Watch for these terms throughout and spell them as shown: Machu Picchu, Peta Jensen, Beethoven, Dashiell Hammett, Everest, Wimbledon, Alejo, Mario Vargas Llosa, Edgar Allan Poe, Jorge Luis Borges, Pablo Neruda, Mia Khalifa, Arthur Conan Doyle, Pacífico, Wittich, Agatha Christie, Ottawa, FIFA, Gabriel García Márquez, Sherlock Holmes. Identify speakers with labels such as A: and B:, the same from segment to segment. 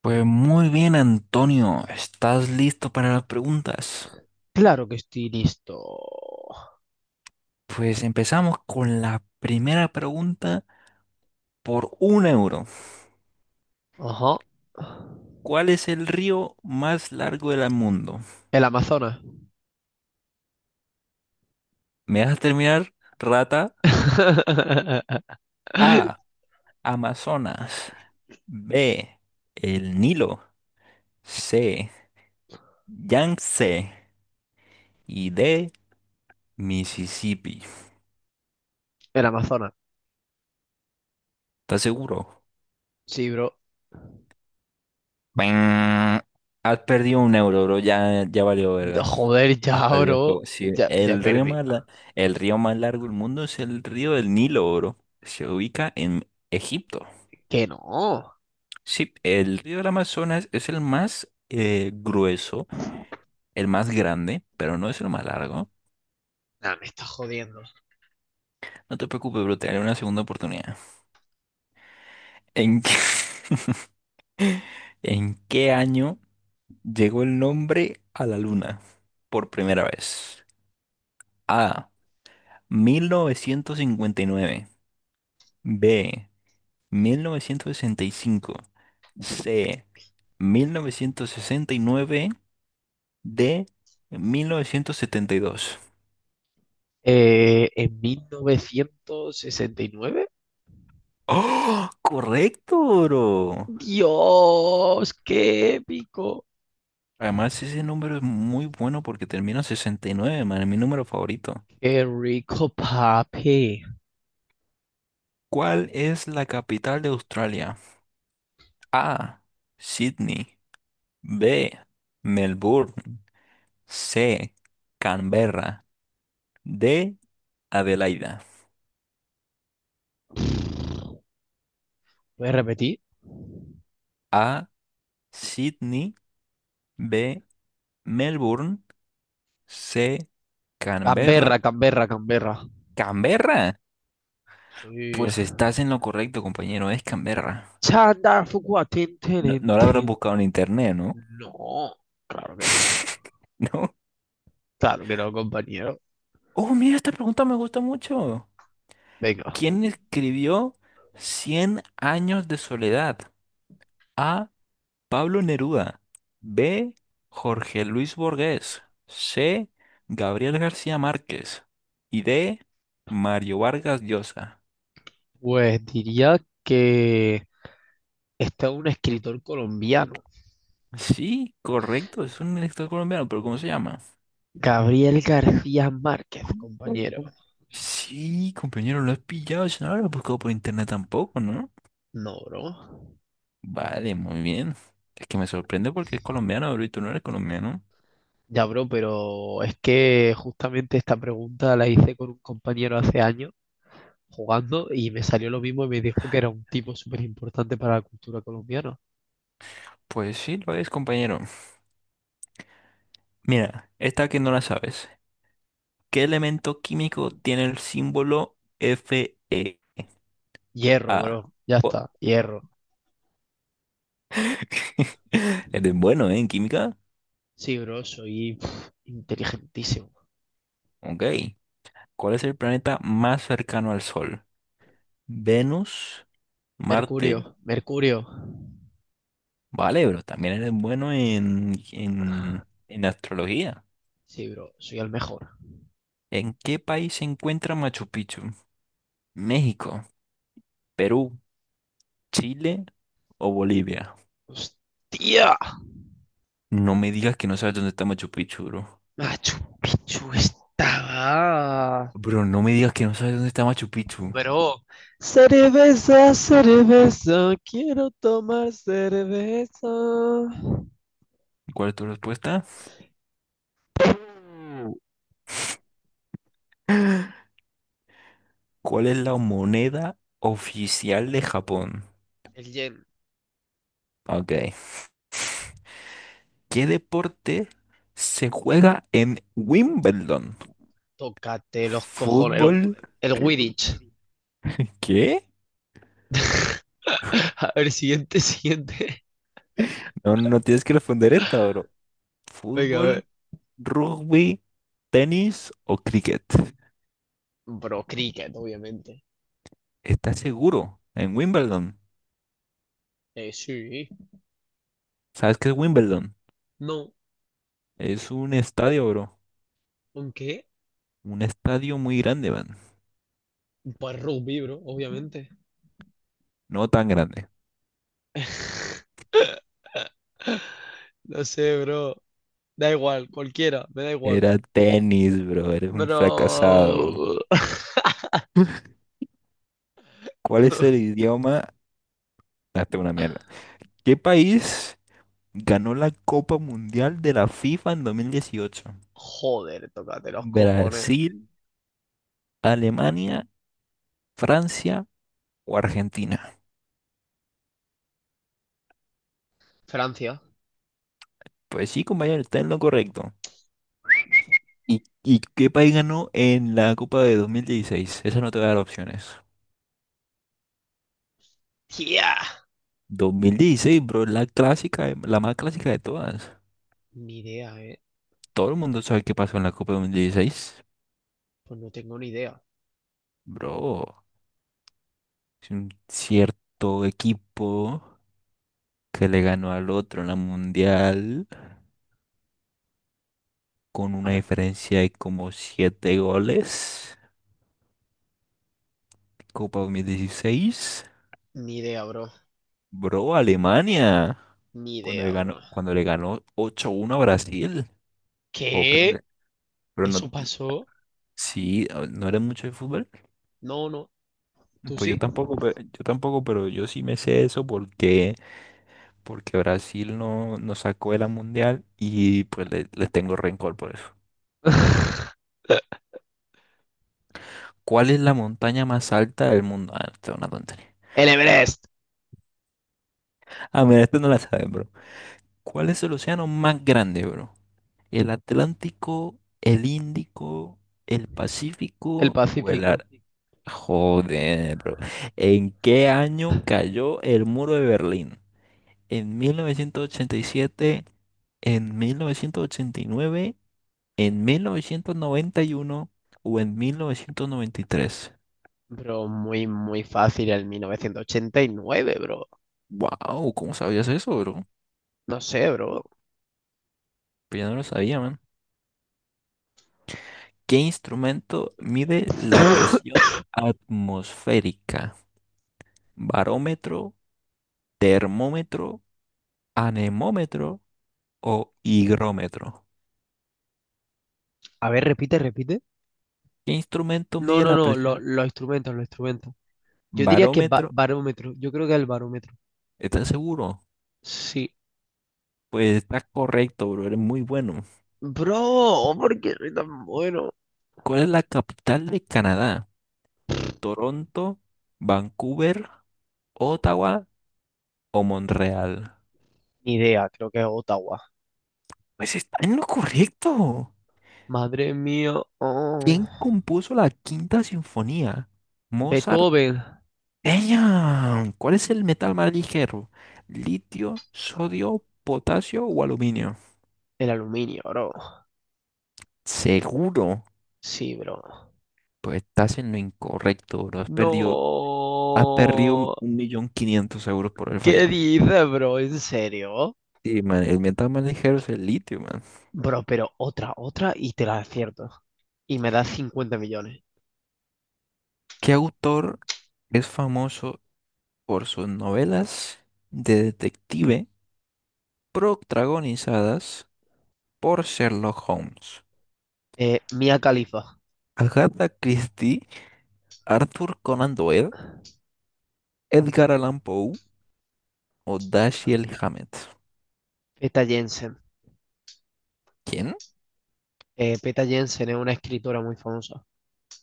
A: Pues muy bien, Antonio, ¿estás listo para las preguntas?
B: Claro que estoy listo.
A: Pues empezamos con la primera pregunta por un euro.
B: Ajá.
A: ¿Cuál es el río más largo del mundo?
B: El Amazonas.
A: ¿Me dejas terminar, rata? A. Amazonas. B. El Nilo. C. Yangtze. Y D. Mississippi.
B: El Amazonas.
A: ¿Estás seguro?
B: Sí, bro.
A: Bang. Has perdido un euro, bro. Ya, ya valió verga.
B: Joder,
A: Has
B: ya,
A: perdido el
B: bro.
A: juego. Sí,
B: Ya, ya perdí.
A: el río más largo del mundo es el río del Nilo, bro. Se ubica en Egipto.
B: Que no.
A: Sí, el río del Amazonas es el más grueso, el más grande, pero no es el más largo.
B: Nah, me estás jodiendo.
A: No te preocupes, bro, te daré una segunda oportunidad. ¿En qué, ¿En qué año llegó el nombre a la luna por primera vez? A. 1959. B. 1965. C. 1969. D. 1972.
B: En 1969.
A: ¡Oh! ¡Correcto, bro!
B: Dios, qué épico.
A: Además, ese número es muy bueno porque termina en 69, man, es mi número favorito.
B: Qué rico, papi.
A: ¿Cuál es la capital de Australia? A. Sydney. B. Melbourne. C. Canberra. D. Adelaida.
B: Voy a repetir.
A: A. Sydney. B. Melbourne, C, Canberra.
B: Canberra, Canberra, Canberra.
A: ¿Canberra?
B: Sí.
A: Pues estás en lo correcto, compañero, es Canberra.
B: Chandar Fuqua, tin,
A: No,
B: tin,
A: no la habrás
B: tin.
A: buscado en internet, ¿no?
B: No, claro que no.
A: ¿No?
B: Claro que no, compañero.
A: Oh, mira, esta pregunta me gusta mucho.
B: Venga.
A: ¿Quién escribió Cien años de soledad? A. Pablo Neruda. B. Jorge Luis Borges. C. Gabriel García Márquez. Y D. Mario Vargas Llosa.
B: Pues diría que está un escritor colombiano.
A: Sí, correcto, es un elector colombiano, pero ¿cómo se llama?
B: Gabriel García Márquez, compañero.
A: Sí, compañero, lo has pillado, si no lo has buscado por internet tampoco, ¿no?
B: No, bro.
A: Vale, muy bien. Es que me sorprende porque es colombiano, bro, y tú no eres colombiano.
B: Ya, bro, pero es que justamente esta pregunta la hice con un compañero hace años jugando y me salió lo mismo y me dijo que era un tipo súper importante para la cultura colombiana.
A: Pues sí, lo es, compañero. Mira, esta que no la sabes. ¿Qué elemento químico tiene el símbolo FeA?
B: Hierro, bro. Ya
A: Oh,
B: está. Hierro.
A: Eres bueno, ¿eh? En química.
B: Sí, bro, soy inteligentísimo.
A: Ok. ¿Cuál es el planeta más cercano al Sol? ¿Venus, Marte,
B: Mercurio, Mercurio.
A: Vale, pero también eres bueno en, en astrología.
B: Sí, bro, soy el mejor.
A: ¿En qué país se encuentra Machu Picchu? ¿México, Perú, Chile o Bolivia?
B: ¡Hostia!
A: No me digas que no sabes dónde está Machu Picchu, bro.
B: Machu Picchu estaba.
A: Bro, no me digas que no sabes dónde está Machu Picchu.
B: Bro, cerveza, cerveza, quiero tomar cerveza.
A: ¿Cuál es tu respuesta? ¿Cuál es la moneda oficial de Japón?
B: El Yen,
A: Ok. ¿Qué deporte se juega en Wimbledon?
B: tócate los cojones.
A: ¿Fútbol?
B: El Wittich.
A: ¿Qué?
B: A ver, siguiente, siguiente.
A: No, no tienes que responder esta, bro.
B: Venga, a
A: ¿Fútbol,
B: ver.
A: rugby, tenis o cricket?
B: Bro, cricket, obviamente.
A: ¿Estás seguro? En Wimbledon.
B: Sí.
A: ¿Sabes qué es Wimbledon?
B: No,
A: Es un estadio, bro.
B: ¿con qué?
A: Un estadio muy grande, man.
B: Pues rugby, bro, obviamente.
A: No tan grande.
B: No sé, bro. Da igual, cualquiera, me da igual.
A: Era tenis, bro. Eres un fracasado.
B: Pero.
A: ¿Cuál es el idioma? Date una mierda. ¿Qué país ganó la Copa Mundial de la FIFA en 2018?
B: Joder, tócate los cojones.
A: ¿Brasil, Alemania, Francia o Argentina?
B: Francia.
A: Pues sí, compañero, está en lo correcto. ¿Y qué país ganó en la Copa de 2016? Esa no te va a dar opciones.
B: ¡Tía!
A: 2016, bro, la clásica, la más clásica de todas.
B: Ni idea, eh.
A: Todo el mundo sabe qué pasó en la Copa de 2016.
B: Pues no tengo ni idea.
A: Bro, es un cierto equipo que le ganó al otro en la Mundial con una
B: Ahora-
A: diferencia de como 7 goles. Copa 2016.
B: Ni idea, bro.
A: Bro, Alemania.
B: Ni
A: Cuando le
B: idea,
A: ganó,
B: bro.
A: cuando le ganó 8-1 a Brasil. O creo
B: ¿Qué?
A: que- pero no,
B: ¿Eso pasó?
A: Sí, ah, no eres mucho de fútbol.
B: No, no. ¿Tú
A: Pues yo
B: sí?
A: tampoco, pe- yo tampoco, pero yo sí me sé eso porque, porque Brasil no sacó de la mundial y pues les tengo rencor por eso. ¿Cuál es la montaña más alta del mundo? Ah, esta es una tontería.
B: El Everest.
A: Ah, mira, esto no la saben, bro. ¿Cuál es el océano más grande, bro? ¿El Atlántico, el Índico, el
B: El
A: Pacífico o el
B: Pacífico.
A: Ar- Joder, bro. ¿En qué año cayó el muro de Berlín? En 1987, en 1989, en 1991 o en 1993.
B: Bro, muy, muy fácil el 1989, bro.
A: Wow, ¿cómo sabías eso, bro?
B: No sé, bro.
A: Pues ya no lo sabía, man. ¿Qué instrumento mide la presión atmosférica? ¿Barómetro, termómetro, anemómetro o higrómetro?
B: A ver, repite, repite.
A: ¿Qué instrumento
B: No,
A: mide
B: no,
A: la
B: no,
A: presión?
B: los instrumentos, los instrumentos. Yo diría que
A: ¿Barómetro?
B: barómetro. Yo creo que el barómetro.
A: ¿Estás seguro?
B: Sí.
A: Pues está correcto, bro. Eres muy bueno.
B: Bro, ¿por qué soy tan bueno?
A: ¿Cuál es la capital de Canadá? ¿Toronto, Vancouver, Ottawa o Montreal?
B: Ni idea, creo que es Ottawa.
A: Pues está en lo correcto.
B: Madre mía. Oh,
A: ¿Quién compuso la Quinta Sinfonía? Mozart.
B: Beethoven.
A: ¡Ella! ¿Cuál es el metal más ligero? ¿Litio, sodio, potasio o aluminio?
B: El aluminio, bro.
A: Seguro.
B: Sí, bro.
A: Pues estás en lo incorrecto, bro. Has perdido un
B: No.
A: millón quinientos euros por el
B: ¿Qué
A: fallame.
B: dices, bro? ¿En serio?
A: Sí, man, el metal más ligero es el litio, man.
B: Bro, pero otra, otra y te la acierto. Y me das 50 millones.
A: ¿Qué autor es famoso por sus novelas de detective protagonizadas por Sherlock Holmes?
B: Mia Khalifa,
A: ¿Agatha Christie, Arthur Conan Doyle, Edgar Allan Poe o Dashiell Hammett?
B: Peta Jensen.
A: ¿Quién?
B: Peta Jensen es una escritora muy famosa.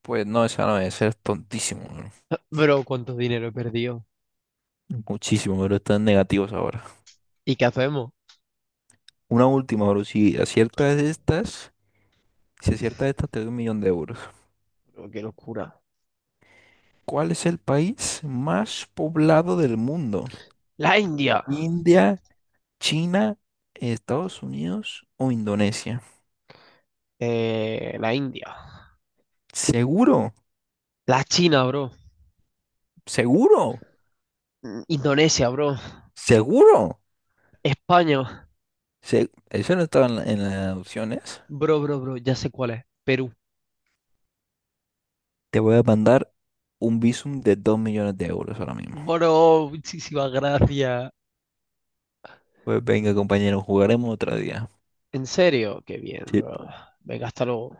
A: Pues no, esa no debe ser tontísimo, bro.
B: Bro, ¿cuánto dinero he perdido?
A: Muchísimo, pero están negativos ahora.
B: ¿Y qué hacemos?
A: Una última, bro. Si aciertas estas, te doy un millón de euros.
B: Pero qué locura.
A: ¿Cuál es el país más poblado del mundo?
B: La India.
A: India. China, Estados Unidos o Indonesia.
B: La India.
A: Seguro,
B: La China, bro.
A: seguro,
B: Indonesia, bro.
A: seguro.
B: España.
A: Eso no estaba en las opciones.
B: Bro, bro, bro. Ya sé cuál es. Perú.
A: Te voy a mandar un visum de 2 millones de euros ahora mismo.
B: Bro, muchísimas gracias.
A: Pues venga, compañero, jugaremos otro día.
B: En serio, qué bien,
A: Sí.
B: bro. Venga, hasta luego.